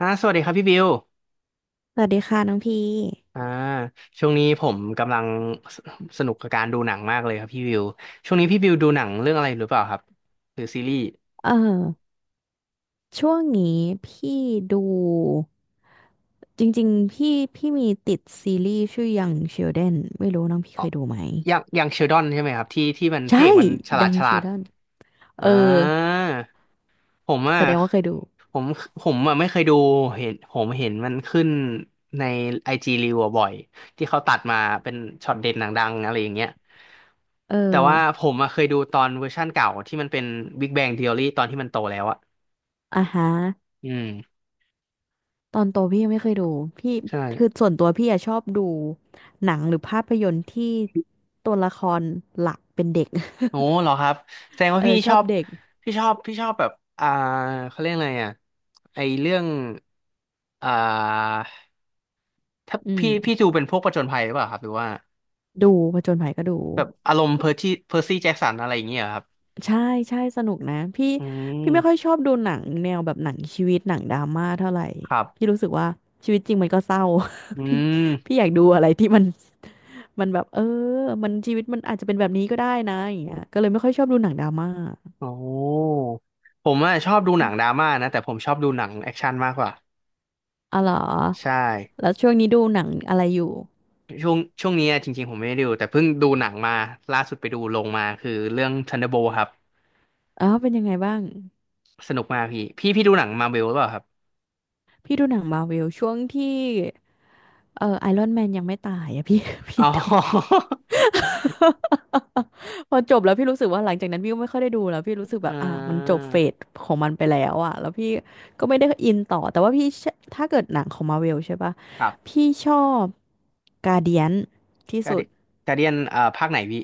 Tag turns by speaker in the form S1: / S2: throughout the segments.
S1: สวัสดีครับพี่บิว
S2: สวัสดีค่ะน้องพี่
S1: อ่าช่วงนี้ผมกำลังสสนุกกับการดูหนังมากเลยครับพี่บิวช่วงนี้พี่บิวดูหนังเรื่องอะไรหรือเปล่าครับหรือซีรีส์
S2: เออช่วงนี้พี่ดูจริงๆพี่พี่ติดซีรีส์ชื่อ Young Sheldon ไม่รู้น้องพี่
S1: อ๋อ
S2: เคยดูไหม
S1: อย่างเชลดอนใช่ไหมครับที่มันพระเอ
S2: ใช่
S1: กมันฉลาด
S2: Young
S1: ฉลาด
S2: Sheldon เออ
S1: อ่าผมอ่ะ
S2: แสดงว่าเคยดู
S1: ผมผมอ่ะไม่เคยดูเห็นผมเห็นมันขึ้นในไอจีรีวบ่อยที่เขาตัดมาเป็นช็อตเด็ดหนังดังอะไรอย่างเงี้ย
S2: เออ
S1: แต่ว่าผมอะเคยดูตอนเวอร์ชั่นเก่าที่มันเป็น Big Bang Theory ตอนที่มันโตแล้วอะ
S2: อ่ะฮะ
S1: อืม
S2: ตอนโตพี่ยังไม่เคยดูพี่
S1: ใช่
S2: คือส่วนตัวพี่อะชอบดูหนังหรือภาพยนตร์ที่ตัวละครหลักเป็นเด็ก
S1: โอ้เหรอครับแสดง ว่า
S2: เออ
S1: พี่
S2: ช
S1: ช
S2: อ
S1: อ
S2: บ
S1: บ
S2: เด็ก
S1: พี่ชอบแบบอ่าเขาเรียกอะไรอ่ะไอเรื่องอ่าถ้า
S2: อื
S1: พี่
S2: ม
S1: ดูเป็นพวกผจญภัยหรือเปล่าครับหรือว่า
S2: ดูผจญภัยก็ดู
S1: แบบอารมณ์เพอร์ซี่แจ็คสันอะไรอย่างเงี้ยเหรอครับ
S2: ใช่ใช่สนุกนะพี่
S1: อื
S2: พี่ไม่ค่อย
S1: ม
S2: ชอบดูหนังแนวแบบหนังชีวิตหนังดราม่าเท่าไหร่
S1: ครับ
S2: พี่รู้สึกว่าชีวิตจริงมันก็เศร้า
S1: อื
S2: พี่
S1: ม
S2: พี่อยากดูอะไรที่มันมันแบบมันชีวิตมันอาจจะเป็นแบบนี้ก็ได้นะอย่างเงี้ยก็เลยไม่ค่อยชอบดูหนังดราม่า
S1: โอ้ผมอะชอบดูหนังดราม่านะแต่ผมชอบดูหนังแอคชั่นมากกว่า
S2: อ๋อเหรอ
S1: ใช่
S2: แล้วช่วงนี้ดูหนังอะไรอยู่
S1: ช่วงนี้อะจริงๆผมไม่ได้ดูแต่เพิ่งดูหนังมาล่าสุดไปดูลงมาคือเรื่อง Thunderbolt ครับ
S2: อ๋อเป็นยังไงบ้าง
S1: สนุกมากพี่พี่ดูหนังมาเวลหรือเปล่าครับ
S2: พี่ดูหนังมาร์วช่วงที่ไอรอนแมนยังไม่ตายอะพี่ พี่
S1: อ๋
S2: ดู
S1: อ
S2: พอจบแล้วพี่รู้สึกว่าหลังจากนั้นพี่ก็ไม่ค่อยได้ดูแล้วพี่รู้สึ ก
S1: เอ
S2: แบบอ่ะมันจ
S1: อ
S2: บเฟสของมันไปแล้วอ่ะแล้วพี่ก็ไม่ได้อินต่อแต่ว่าพี่เชื่อถ้าเกิดหนังของมาเวลใช่ปะ
S1: ครับ
S2: พี่ชอบกาเดียนที่
S1: การ์
S2: สุ
S1: เดี
S2: ด
S1: ยการ์เดียนภาคไหนพี่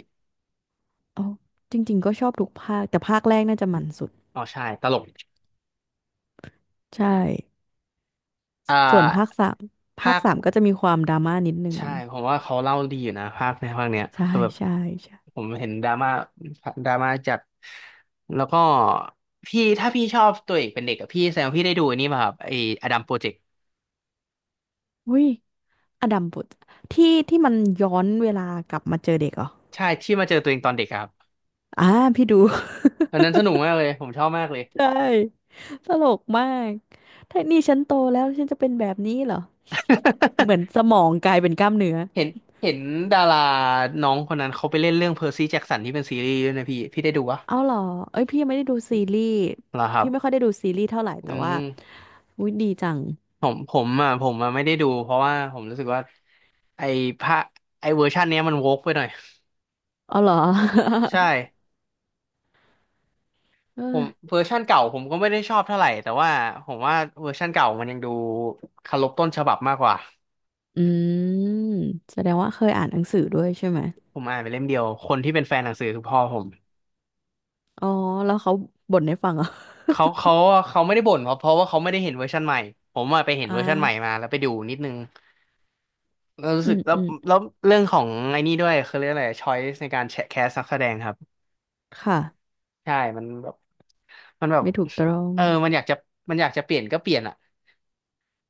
S2: อ๋อจริงๆก็ชอบทุกภาคแต่ภาคแรกน่าจะมันสุด
S1: อ๋อใช่ตลก
S2: ใช่
S1: เอ่า
S2: ส่วนภาคสามภา
S1: ภา
S2: ค
S1: ค
S2: สามก็จะมีความดราม่านิดนึง
S1: ใช่ผมว่าเขาเล่าดีอยู่นะภาคในภาคเนี้ย
S2: ใช่
S1: คือแบบ
S2: ใช่ใช่
S1: ผมเห็นดราม่าดราม่าจัดแล้วก็พี่ถ้าพี่ชอบตัวเอกเป็นเด็กอะพี่แสดงว่าพี่ได้ดูอันนี้ป่ะครับไอ้อดัมโปรเจกต์
S2: อุ้ยอดัมบุตรที่ที่มันย้อนเวลากลับมาเจอเด็กเหรอ
S1: ใช่ที่มาเจอตัวเองตอนเด็กอะครับ
S2: อ่าพี่ดู
S1: ตอนนั้นสนุกมากเลยผมชอบมากเลย
S2: ใช่ตลกมากถ้านี่ฉันโตแล้วฉันจะเป็นแบบนี้เหรอ เหมือน สมองกลายเป็นกล้ามเนื้อ
S1: เห็นเห็นดาราน้องคนนั้นเขาไปเล่นเรื่องเพอร์ซี่แจ็คสันที่เป็นซีรีส์ด้วยนะพี่พี่ได้ดูวะ
S2: เอาเหรอเอ้ยพี่ยังไม่ได้ดูซีรีส์
S1: เหรอครั
S2: พี่ไม่ค่
S1: บ
S2: อยได้ดูซีรีส์เท่าไหร่
S1: อื
S2: แต่ว่า
S1: ม
S2: อุ๊ยดีจัง
S1: ผมอ่ะไม่ได้ดูเพราะว่าผมรู้สึกว่าไอ้พระไอ้เวอร์ชันเนี้ยมันโวกไปหน่อย
S2: เอาเหรอ
S1: ใช่
S2: เอ้
S1: ผ
S2: ย
S1: มเวอร์ชันเก่าผมก็ไม่ได้ชอบเท่าไหร่แต่ว่าผมว่าเวอร์ชันเก่ามันยังดูเคารพต้นฉบับมากกว่า
S2: อืมแสดงว่าเคยอ่านหนังสือด้วยใช่ไหม
S1: ผมอ่านไปเล่มเดียวคนที่เป็นแฟนหนังสือคือพ่อผม
S2: อ๋อแล้วเขาบ่นให้ฟังเหรอ
S1: เขาเขาเขาไม่ได้บ่นเพราะว่าเขาไม่ได้เห็นเวอร์ชันใหม่ผมอะไป เห็น
S2: อ่า
S1: เวอร์ชันใหม่มาแล้วไปดูนิดนึง เรารู้
S2: อื
S1: สึก
S2: ม
S1: แล้ว
S2: อืม
S1: แล้วเรื่องของไอ้นี่ด้วยคือเรื่องอะไรช้อยส์ในการแชะแคสนักแสดงครับ
S2: ค่ะ
S1: ใช่มันแบบ
S2: ไม่ถูกต้อง
S1: เออมันอยากจะเปลี่ยนก็เปลี่ยนอ่ะ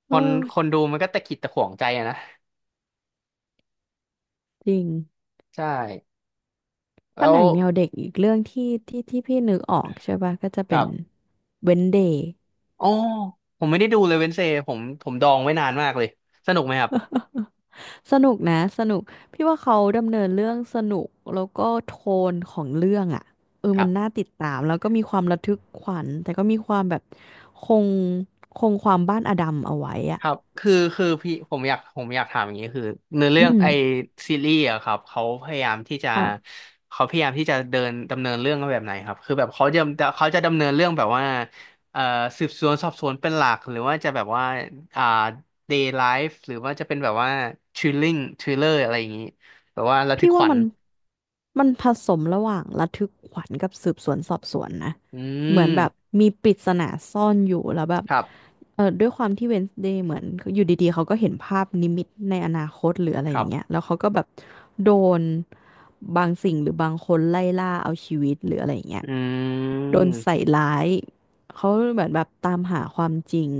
S1: ค
S2: เอ
S1: น
S2: อ
S1: คนดูมันก็ตะขิดตะขวงใจอะนะ
S2: จริง
S1: ใช่แล้
S2: ถ้าห
S1: ว
S2: นังแนวเด็กอีกเรื่องที่ที่ที่พี่นึกออกใช่ป่ะก็จะ
S1: ค
S2: เป็
S1: รั
S2: น
S1: บ
S2: Wednesday
S1: อ๋อผมไม่ได้ดูเลยเวนเซผมดองไว้นานมากเลยสนุกไหมครับ
S2: สนุกนะสนุกพี่ว่าเขาดำเนินเรื่องสนุกแล้วก็โทนของเรื่องอ่ะ
S1: ค
S2: มั
S1: รั
S2: นน่า
S1: บ
S2: ติดตามแล้วก็มีความระทึกขวัญแต่ก็มีความแบบคงคงความบ้านอดัมเอาไว้
S1: ค
S2: อ่ะ
S1: รับคือพี่ผมอยากถามอย่างนี้คือเนื้อ
S2: อื
S1: เรื่อง
S2: ม
S1: ไอซีรีส์อะครับเขาพยายามที่จะ
S2: อ่ะ
S1: เขาพยายามที่จะเดินดำเนินเรื่องแบบไหนครับคือแบบเขาจะดำเนินเรื่องแบบว่าเอ่อสืบสวนสอบสวนเป็นหลักหรือว่าจะแบบว่าอ่า day life หรือว่าจะเป็นแบบว่า thriller อะไรอย่างนี้แบบว่าระทึ
S2: พี่
S1: กข
S2: ว่า
S1: วัญ
S2: มัน มันผสมระหว่างระทึกขวัญกับสืบสวนสอบสวนนะ
S1: อื
S2: เหมือน
S1: ม
S2: แบบมีปริศนาซ่อนอยู่แล้วแบบ
S1: ครับ
S2: ด้วยความที่เวนส์เดย์เหมือนอยู่ดีๆเขาก็เห็นภาพนิมิตในอนาคตหรืออะไร
S1: ค
S2: อ
S1: รั
S2: ย่างเงี้ย
S1: บ
S2: แล้วเขาก็แบบโดนบางสิ่งหรือบางคนไล่ล่าเอาชีวิตหรืออะไรอย่างเงี้ย
S1: อื
S2: โดนใส่
S1: ม
S2: ร้ายเขาเหมือนแบบตามหาความจริง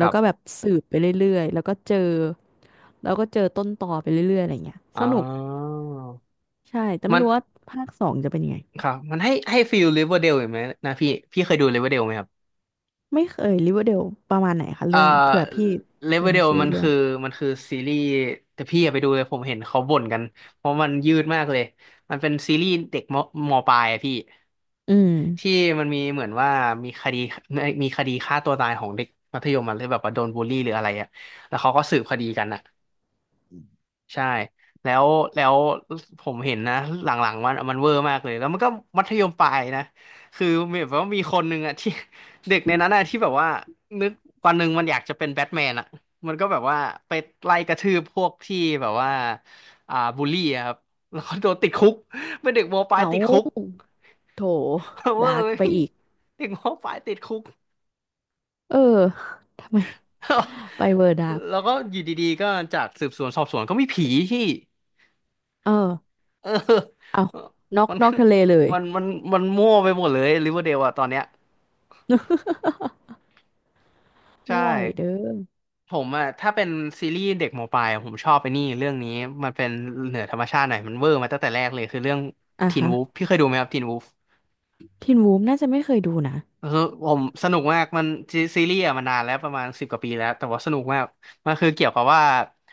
S1: ค
S2: ้ว
S1: รั
S2: ก็แบบ
S1: บ
S2: สืบไปเรื่อยๆแล้วก็เจอแล้วก็เจอต้นตอไปเรื่อยๆอะไรอย่างเงี้ย
S1: อ๋
S2: ส
S1: อ
S2: นุกใช่แต่ไม่
S1: มัน
S2: รู้ว่าภาคสองจะเป็นยังไง
S1: ครับมันให้ฟีลลิเวอร์เดลเห็นไหมนะพี่พี่เคยดูลิเวอร์เดลไหมครับ
S2: ไม่เคยริเวอร์เดลประมาณไหนคะ
S1: เอ่
S2: เรื่อง
S1: อ
S2: เผื่อพี่
S1: เล
S2: ลื
S1: เวอ
S2: ม
S1: เดล
S2: ชื่อ
S1: มัน
S2: เรื่อ
S1: คื
S2: ง
S1: อมันคือซีรีส์แต่พี่อย่าไปดูเลยผมเห็นเขาบ่นกันเพราะมันยืดมากเลยมันเป็นซีรีส์เด็กมปลายอะพี่
S2: อืม
S1: ที่มันมีเหมือนว่ามีคดีมีคดีฆ่าตัวตายของเด็กมัธยมมันเลยแบบว่าโดนบูลลี่หรืออะไรอะแล้วเขาก็สืบคดีกันอะ ใช่แล้วแล้วผมเห็นนะหลังๆมันเวอร์มากเลยแล้วมันก็มัธยมปลายนะคือมีแบบว่ามีคนหนึ่งอะ ที่ เด็กในนั้นอะที่แบบว่านึกวันหนึ่งมันอยากจะเป็นแบทแมนอะมันก็แบบว่าไปไล่กระทืบพวกที่แบบว่าบูลลี่อะครับแล้วก็โดนติดคุกเป็นเด็กมปลาย
S2: เอ้า
S1: ติดคุก
S2: โถ
S1: เวอ
S2: ดา
S1: ร์
S2: ร์ก
S1: ไหม
S2: ไป
S1: พี่
S2: อีก
S1: เด็กมปลายติดคุก
S2: เออทำไม ไปเวอร์ดาร์ก
S1: แล้วก็อยู่ดีๆก็จากสืบสวนสอบสวนก็มีผีพี่
S2: เออ
S1: เออ
S2: เอานอก
S1: มัน
S2: นอกทะเลเลย
S1: มันมันมันมั่วไปหมดเลยริเวอร์เดลอะตอนเนี้ยใช่
S2: ไม่ไหวเด้อ
S1: ผมอะถ้าเป็นซีรีส์เด็กหมอปลายอะผมชอบไปนี่เรื่องนี้มันเป็นเหนือธรรมชาติหน่อยมันเวอร์มาตั้งแต่แรกเลยคือเรื่อง
S2: อ่ะ
S1: ทีน
S2: ฮะ
S1: วูฟพี่เคยดูไหมครับทีนวูฟ
S2: ทีนวูฟน่าจะไม่เคยดูนะ
S1: คือผมสนุกมากมันซีรีส์อะมานานแล้วประมาณ10 กว่าปีแล้วแต่ว่าสนุกมากมันคือเกี่ยวกับว่า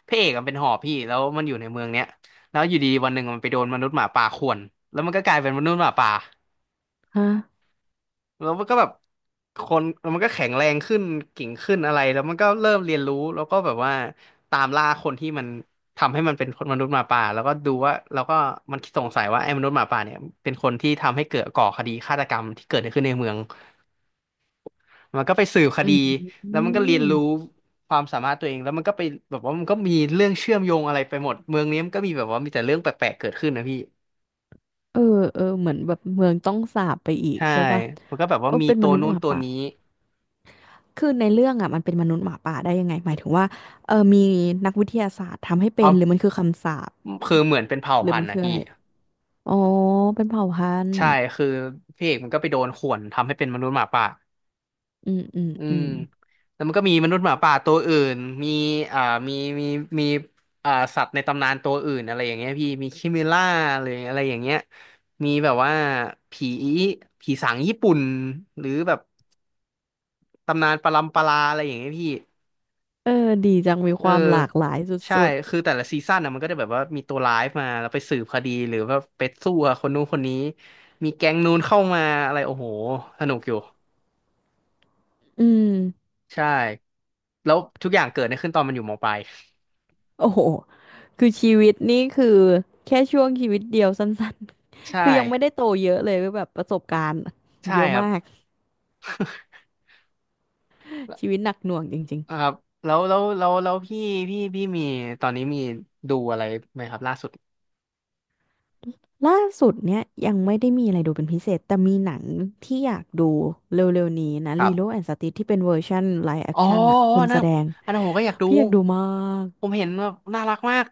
S1: พระเอกมันเป็นหอบพี่แล้วมันอยู่ในเมืองเนี้ยแล้วอยู่ดีๆวันหนึ่งมันไปโดนมนุษย์หมาป่าข่วนแล้วมันก็กลายเป็นมนุษย์หมาป่า
S2: ฮะ
S1: แล้วมันก็แบบคนแล้วมันก็แข็งแรงขึ้นเก่งขึ้นอะไรแล้วมันก็เริ่มเรียนรู้แล้วก็แบบว่าตามล่าคนที่มันทำให้มันเป็นมนุษย์หมาป่าแล้วก็ดูว่าแล้วก็มันสงสัยว่าไอ้มนุษย์หมาป่าเนี่ยเป็นคนที่ทำให้เกิดก่อคดีฆาตกรรมที่เกิดขึ้นในเมืองมันก็ไปสืบค
S2: อื
S1: ดี
S2: มอื
S1: แล้วมันก็เรี
S2: ม
S1: ยนรู้ความสามารถตัวเองแล้วมันก็ไปแบบว่ามันก็มีเรื่องเชื่อมโยงอะไรไปหมดเมืองนี้มันก็มีแบบว่ามีแต่เรื่องแปลกๆเกิดขึ้นนะพี่
S2: เออเออเหมือนแบบเมืองต้องสาปไปอีก
S1: ใช่
S2: ใช่ปะ
S1: มันก็แบบ
S2: เอ
S1: ว่า
S2: อ
S1: มี
S2: เป็นม
S1: ตัว
S2: นุษย์
S1: นู้
S2: ห
S1: น
S2: มา
S1: ตัว
S2: ป่า
S1: นี้
S2: คือในเรื่องอ่ะมันเป็นมนุษย์หมาป่าได้ยังไงหมายถึงว่ามีนักวิทยาศาสตร์ทำให้
S1: เอา
S2: เป็นหรือมันคือคำสาป
S1: คือเหมือนเป็นเผ่า
S2: หรือ
S1: พัน
S2: มั
S1: ธุ์
S2: น
S1: นะ
S2: คือ
S1: พี่
S2: อะไรอะอ๋อเป็นเผ่าพันธุ์
S1: ใช่คือพี่เอกมันก็ไปโดนข่วนทำให้เป็นมนุษย์หมาป่า
S2: อืมอืม
S1: อื
S2: อื
S1: ม
S2: ม
S1: แล้วมันก็มีมนุษย์หมาป่าตัวอื่นมีอ่ามีมีมีอ่าสัตว์ในตำนานตัวอื่นอะไรอย่างเงี้ยพี่มีคิมิล่าหรืออะไรอย่างเงี้ยมีแบบว่าผีผีสางญี่ปุ่นหรือแบบตำนานปรัมปราอะไรอย่างเงี้ยพี่
S2: เออดีจังมี
S1: เอ
S2: ค
S1: อ
S2: วามหลากหลาย
S1: ใช่
S2: สุด
S1: คือแต่ละซีซั่นนะมันก็จะแบบว่ามีตัวร้ายมาแล้วไปสืบคดีหรือว่าไปสู้กับคนนู้นคนนี้มีแก๊งนู้นเข้ามาอะไรโอ้โหสนุกอยู่
S2: ๆอืม
S1: ใช่แล้วทุกอย่างเกิดขึ้นตอนมันอยู่มปลาย
S2: โอ้โหคือชีวิตนี่คือแค่ช่วงชีวิตเดียวสั้นๆ
S1: ใช่
S2: คือยังไม่ได้โตเยอะเลยก็แบบประสบการณ์
S1: ใช่
S2: เยอะ
S1: ครับ
S2: มากชีวิตหนักหน่วงจริง
S1: ครับแล้วพี่พี่ตอนนี้มีดูอะไรไหมครับล่าสุด
S2: ๆล่าสุดเนี่ยยังไม่ได้มีอะไรดูเป็นพิเศษแต่มีหนังที่อยากดูเร็วๆนี้นะ
S1: ครั
S2: Lilo
S1: บ
S2: and Stitch ที่เป็นเวอร์ชันไลฟ์แอ
S1: อ๋
S2: ค
S1: อ
S2: ชั่นอะ
S1: อ๋อ
S2: คน
S1: อันนะ
S2: แสดง
S1: อันนั้นผมก็อยากดู
S2: พี่อยากดูมาก
S1: ผมเห็นว่าน่ารักมาก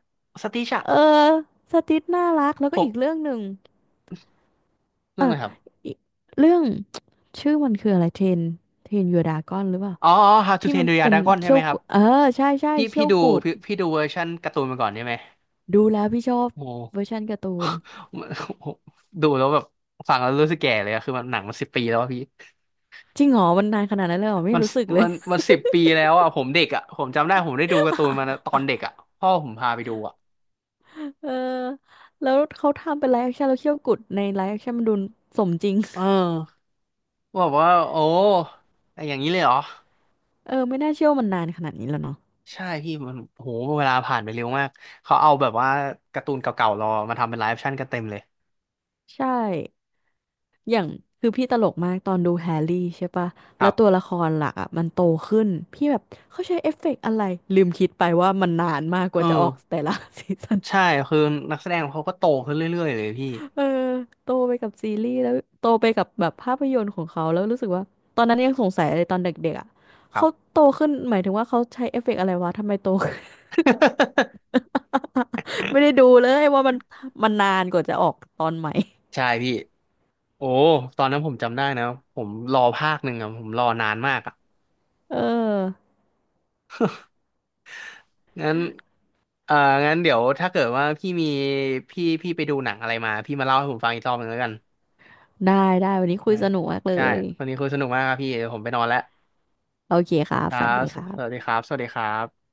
S1: สติชอะ
S2: เออสติสน่ารักแล้ว
S1: ผ
S2: ก็อีก
S1: ม
S2: เรื่องหนึ่ง
S1: เรื่อ
S2: อ่ะ
S1: งอะไรครับ
S2: อีกเรื่อง ชื่อมันคืออะไรเทนเทนยูดากอนหรือเปล่า
S1: อ๋ออ๋อ How to
S2: ที่มั
S1: Train
S2: น
S1: Your
S2: เป็น
S1: Dragon ใช่
S2: เขี้ย
S1: ไหม
S2: ว
S1: ครั
S2: กุ
S1: บ
S2: ดเออใช่ใช่
S1: พี่
S2: เขี้
S1: พี่
S2: ยว
S1: ดู
S2: กุด
S1: พี่ดูเวอร์ชันการ์ตูนมาก่อนใช่ไหม
S2: ดูแล้วพี่ชอบ
S1: โอ้
S2: เวอร์ชันการ์ตูน
S1: ดูแล้วแบบฟังแล้วรู้สึกแก่เลยอะคือมันหนังมันสิบปีแล้วอะพี่
S2: จริงเหรอมันนานขนาดนั้นเลยเหรอไม่
S1: มัน
S2: รู้สึกเล
S1: มั
S2: ย
S1: นมัน10 ปีแล้วอ่ะผมเด็กอ่ะผมจำได้ผมได้ดูการ์ตูนมาต อนเด็กอ่ะพ่อผมพาไปดูอ่ะ
S2: เออแล้วเขาทำเป็นไลฟ์แอคชั่นแล้วเขี้ยวกุดในไลฟ์แอคชั่นมันดูสมจริง
S1: เอ อว่าโอ้แต่อย่างนี้เลยเหรอ
S2: เออไม่น่าเชื่อว่ามันนานขนาดนี้แล้วเนาะ
S1: ใช่พี่มันโหเวลาผ่านไปเร็วมากเขาเอาแบบว่าการ์ตูนเก่าๆเรามาทำเป็นไลฟ์แอคชั่นกันเต็มเลย
S2: ใช่ อย่างคือพี่ตลกมากตอนดูแฮร์รี่ใช่ปะ
S1: ค
S2: แล้
S1: รั
S2: วตัว
S1: บ
S2: ละครหลักอ่ะมันโตขึ้นพี่แบบเขาใช้เอฟเฟกต์อะไรลืมคิดไปว่ามันนานมากก
S1: เอ
S2: ว่าจะออก
S1: อ
S2: แต่ละ ซีซัน
S1: ใช่คือนักแสดงเขาก็โตขึ้นเรื่อยๆเลยพี่
S2: เออโตไปกับซีรีส์แล้วโตไปกับแบบภาพยนตร์ของเขาแล้วรู้สึกว่าตอนนั้นยังสงสัยเลยตอนเด็กๆอ่ะ
S1: ครั
S2: เขา
S1: บ
S2: โตขึ้นหมายถึงว่าเขาใช้เอฟเฟกต์อะไรวะทำไมโตขึ้น ไม่ได้ดูเลยว่ามันมันนานกว่าจะออกตอนใหม่
S1: ใช่พี่โอ้ตอนนั้นผมจำได้นะผมรอภาคหนึ่งอะผมรอนานมากอะ
S2: เออ
S1: งั้นเอ่องั้นเดี๋ยวถ้าเกิดว่าพี่มีพี่พี่ไปดูหนังอะไรมาพี่มาเล่าให้ผมฟังอีกรอบหนึ่งแล้วกัน
S2: ได้ได้วันนี้คุ
S1: ได้
S2: ยสนุกมากเล
S1: ใช่
S2: ย
S1: วันนี้คุยสนุกมากครับพี่เดี๋ยวผมไปนอนแล้ว
S2: โอเคครั
S1: ค
S2: บ
S1: รั
S2: ฝัน
S1: บ
S2: ดีครั
S1: ส
S2: บ
S1: วัสดีครับสวัสดีครับ